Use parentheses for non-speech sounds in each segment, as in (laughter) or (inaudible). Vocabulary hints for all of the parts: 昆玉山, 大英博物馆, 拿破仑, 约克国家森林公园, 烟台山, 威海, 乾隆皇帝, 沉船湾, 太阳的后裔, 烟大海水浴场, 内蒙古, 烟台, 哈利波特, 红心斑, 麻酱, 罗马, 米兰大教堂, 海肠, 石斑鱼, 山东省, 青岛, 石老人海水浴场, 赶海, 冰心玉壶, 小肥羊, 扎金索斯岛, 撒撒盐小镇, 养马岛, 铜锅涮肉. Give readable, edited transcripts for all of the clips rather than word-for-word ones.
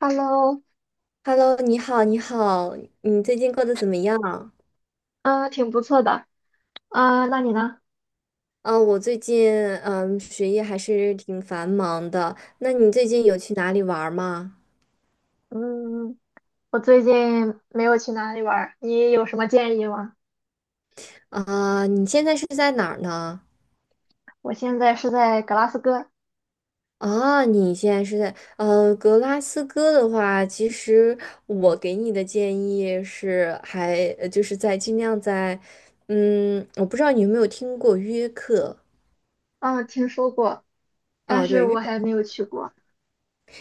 Hello，Hello，你好，你好，你最近过得怎么样？嗯，挺不错的。啊，那你呢？啊，我最近学业还是挺繁忙的。那你最近有去哪里玩儿吗？嗯，我最近没有去哪里玩儿，你有什么建议吗？啊，你现在是在哪儿呢？我现在是在格拉斯哥。啊，你现在是在格拉斯哥的话，其实我给你的建议是还，就是在尽量在，我不知道你有没有听过约克。嗯，听说过，但啊，是对，我还没有去过。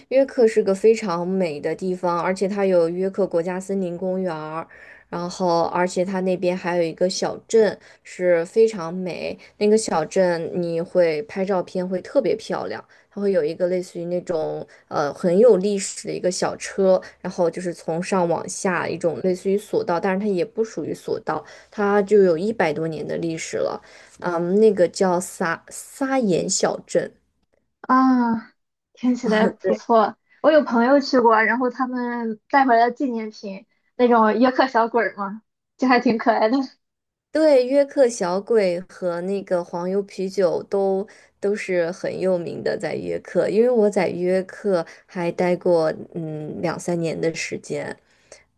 约克是个非常美的地方，而且它有约克国家森林公园儿，然后而且它那边还有一个小镇是非常美，那个小镇你会拍照片会特别漂亮，它会有一个类似于那种很有历史的一个小车，然后就是从上往下一种类似于索道，但是它也不属于索道，它就有一百多年的历史了，嗯，那个叫撒撒盐小镇。啊，听起来不错。我有朋友去过，然后他们带回来纪念品，那种约克小鬼儿嘛，就还挺可爱的。(laughs) 对，约克小鬼和那个黄油啤酒都是很有名的，在约克，因为我在约克还待过两三年的时间，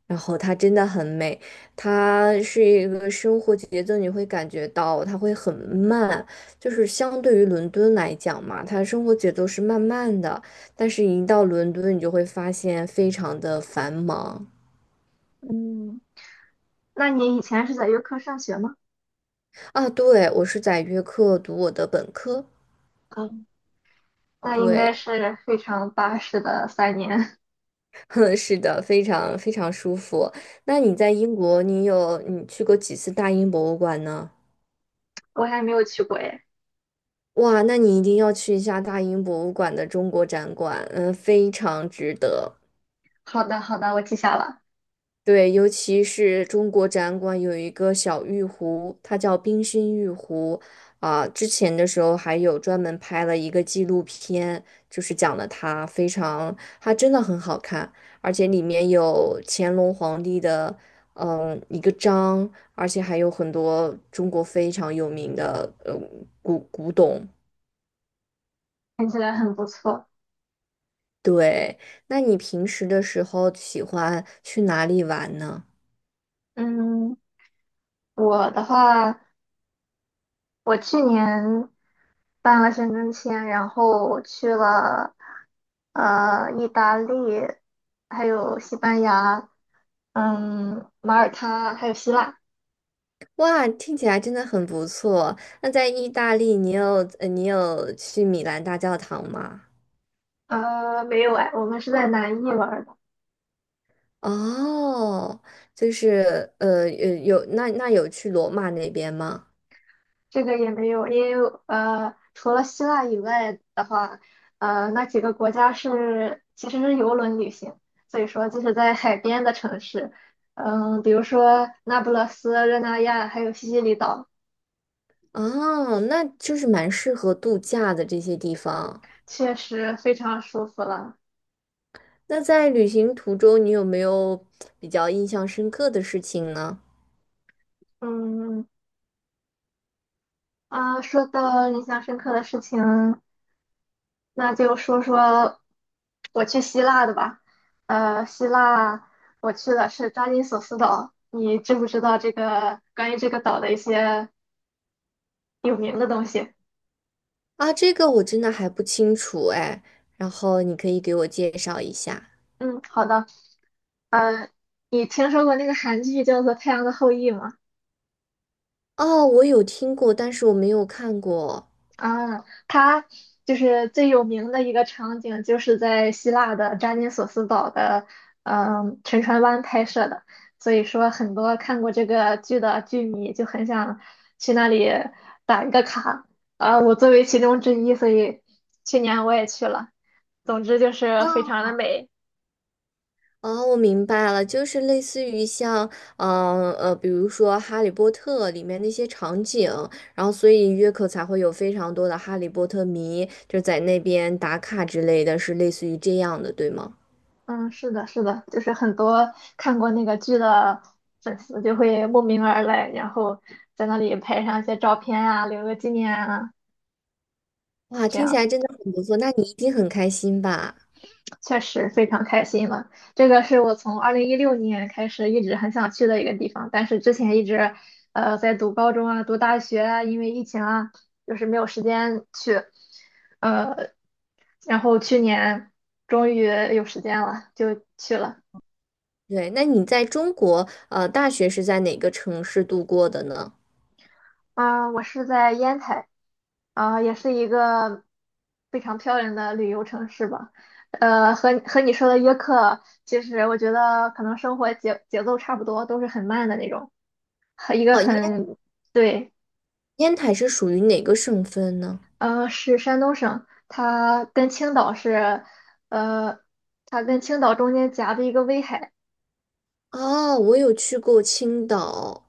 然后它真的很美，它是一个生活节奏，你会感觉到它会很慢，就是相对于伦敦来讲嘛，它生活节奏是慢慢的，但是一到伦敦，你就会发现非常的繁忙嗯，那你以前是在约克上学吗？啊。对，我是在约克读我的本科，嗯，那应该对。是非常巴适的3年。(laughs) 哼，是的，非常非常舒服。那你在英国，你去过几次大英博物馆呢？(laughs) 我还没有去过耶。哇，那你一定要去一下大英博物馆的中国展馆，嗯，非常值得。好的，好的，我记下了。对，尤其是中国展馆有一个小玉壶，它叫冰心玉壶。啊、之前的时候还有专门拍了一个纪录片，就是讲了它非常，它真的很好看，而且里面有乾隆皇帝的一个章，而且还有很多中国非常有名的古董。听起来很不错。对，那你平时的时候喜欢去哪里玩呢？嗯，我的话，我去年办了签证签，然后我去了意大利，还有西班牙，马耳他，还有希腊。哇，听起来真的很不错。那在意大利，你有去米兰大教堂吗？没有哎，我们是在南意玩儿的。哦，就是有那有去罗马那边吗？这个也没有，因为除了希腊以外的话，那几个国家是其实是游轮旅行，所以说就是在海边的城市，嗯，比如说那不勒斯、热那亚还有西西里岛。哦，那就是蛮适合度假的这些地方。确实非常舒服了。那在旅行途中，你有没有比较印象深刻的事情呢？嗯啊，说到印象深刻的事情，那就说说我去希腊的吧。希腊我去的是扎金索斯岛，你知不知道这个关于这个岛的一些有名的东西？啊，这个我真的还不清楚哎，然后你可以给我介绍一下。嗯，好的。呃，你听说过那个韩剧叫做《太阳的后裔》吗？哦，我有听过，但是我没有看过。啊，它就是最有名的一个场景，就是在希腊的扎金索斯岛的，沉船湾拍摄的。所以说，很多看过这个剧的剧迷就很想去那里打一个卡。啊，我作为其中之一，所以去年我也去了。总之就是非哦常的美。哦，我明白了，就是类似于像，比如说《哈利波特》里面那些场景，然后所以约克才会有非常多的哈利波特迷，就在那边打卡之类的，是类似于这样的，对吗？嗯，是的，是的，就是很多看过那个剧的粉丝就会慕名而来，然后在那里拍上一些照片啊，留个纪念啊。哇，这听起样。来真的很不错，那你一定很开心吧？确实非常开心了。这个是我从2016年开始一直很想去的一个地方，但是之前一直，在读高中啊、读大学啊，因为疫情啊，就是没有时间去。呃，然后去年终于有时间了，就去了。对，那你在中国，大学是在哪个城市度过的呢？啊、我是在烟台，啊、也是一个非常漂亮的旅游城市吧。和你说的约克，其实我觉得可能生活节奏差不多，都是很慢的那种。一个哦，很对，烟台是属于哪个省份呢？嗯，是山东省，它跟青岛是，呃，它跟青岛中间夹着一个威海。哦，我有去过青岛，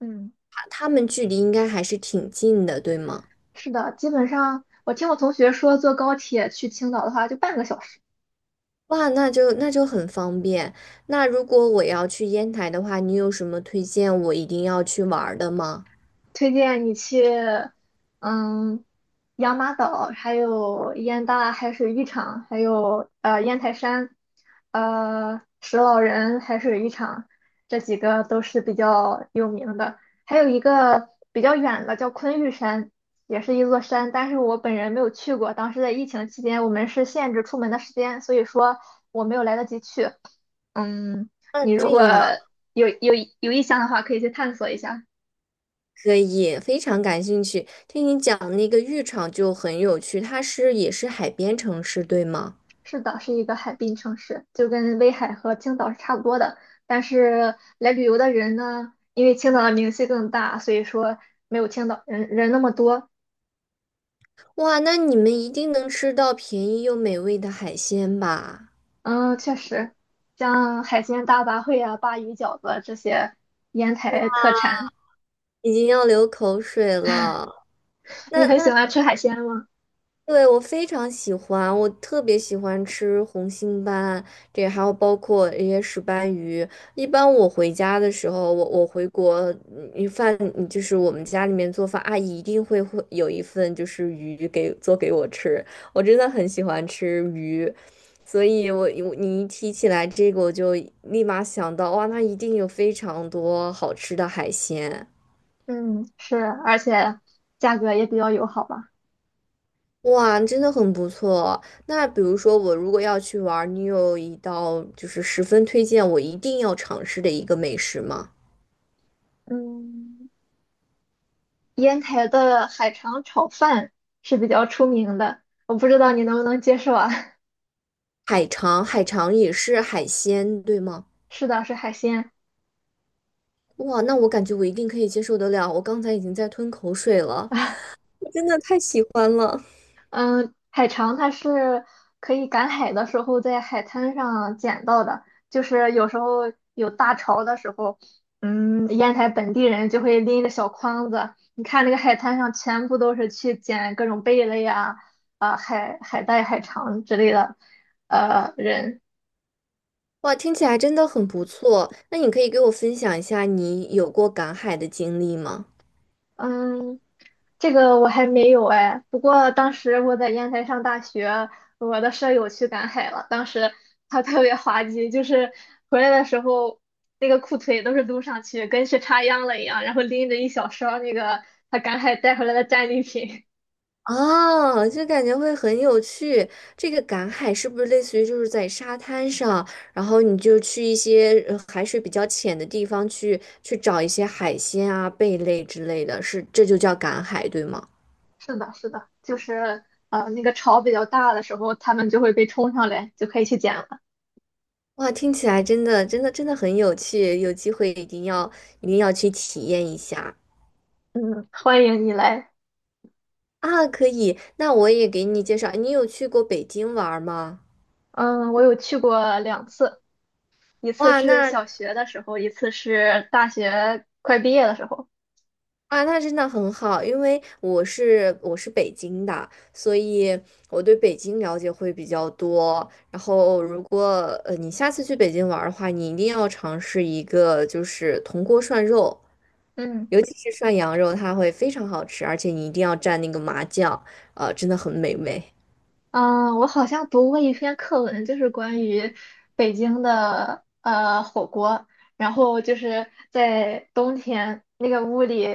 嗯，啊他们距离应该还是挺近的，对吗？是的，基本上我听我同学说，坐高铁去青岛的话就半个小时。哇，那就很方便。那如果我要去烟台的话，你有什么推荐我一定要去玩儿的吗？推荐你去，嗯，养马岛，还有烟大海水浴场，还有烟台山，石老人海水浴场，这几个都是比较有名的。还有一个比较远的叫昆玉山，也是一座山，但是我本人没有去过。当时在疫情期间，我们是限制出门的时间，所以说我没有来得及去。嗯，嗯，你这如果样有有有意向的话，可以去探索一下。可以，非常感兴趣。听你讲那个浴场就很有趣，它是也是海边城市，对吗？是的，是一个海滨城市，就跟威海和青岛是差不多的。但是来旅游的人呢，因为青岛的名气更大，所以说没有青岛人那么多。哇，那你们一定能吃到便宜又美味的海鲜吧？嗯，确实，像海鲜大杂烩啊、鲅鱼饺子这些烟台特产。已经要流口水了。你那很那喜欢吃海鲜吗？对，我非常喜欢，我特别喜欢吃红心斑，这还有包括一些石斑鱼。一般我回家的时候，我回国，你饭嗯就是我们家里面做饭，阿姨一定会有一份就是鱼给做给我吃，我真的很喜欢吃鱼，所以你一提起来这个，我就立马想到，哇，那一定有非常多好吃的海鲜。嗯，是，而且价格也比较友好吧。哇，真的很不错。那比如说，我如果要去玩儿，你有一道就是十分推荐我一定要尝试的一个美食吗？嗯，烟台的海肠炒饭是比较出名的，我不知道你能不能接受啊？海肠，海肠也是海鲜，对吗？(laughs) 是的，是海鲜。哇，那我感觉我一定可以接受得了。我刚才已经在吞口水了，我真的太喜欢了。嗯，海肠它是可以赶海的时候在海滩上捡到的，就是有时候有大潮的时候，烟台本地人就会拎着小筐子，你看那个海滩上全部都是去捡各种贝类呀、啊、海带、海肠之类的，人，哇，听起来真的很不错。那你可以给我分享一下你有过赶海的经历吗？嗯。这个我还没有哎，不过当时我在烟台上大学，我的舍友去赶海了，当时 (laughs) 他特别滑稽，就是回来的时候那个裤腿都是撸上去，跟去插秧了一样，然后拎着一小勺那个他赶海带回来的战利品。哦，就感觉会很有趣。这个赶海是不是类似于就是在沙滩上，然后你就去一些海水比较浅的地方去找一些海鲜啊、贝类之类的，是这就叫赶海，对吗？(laughs) 是的，是的，就是那个潮比较大的时候，他们就会被冲上来，就可以去捡了。哇，听起来真的真的真的很有趣，有机会一定要去体验一下嗯，欢迎你来。啊！可以，那我也给你介绍，你有去过北京玩儿吗？嗯，我有去过2次，一次哇，是那小学的时候，一次是大学快毕业的时候。啊，那真的很好，因为我是北京的，所以我对北京了解会比较多。然后，如果你下次去北京玩儿的话，你一定要尝试一个就是铜锅涮肉，嗯尤其是涮羊肉，它会非常好吃，而且你一定要蘸那个麻酱，真的很美味。嗯，我好像读过一篇课文，就是关于北京的火锅，然后就是在冬天那个屋里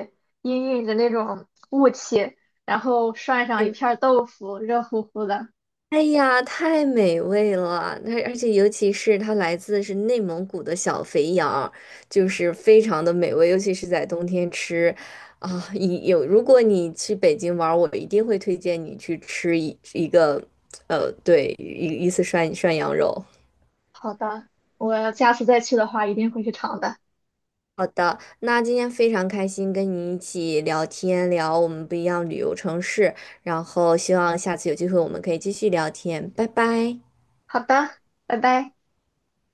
氤氲着那种雾气，然后涮上一 (laughs) 片儿豆腐，热乎乎的。哎呀，太美味了！它而且尤其是它来自是内蒙古的小肥羊就是非常的美味，尤其是在冬天吃啊。一有，如果你去北京玩儿，我一定会推荐你去吃一个，呃，对，一次涮羊肉。好的，我下次再去的话一定会去尝的。好的，那今天非常开心跟你一起聊天，聊我们不一样旅游城市，然后希望下次有机会我们可以继续聊天，拜拜。好的，拜拜。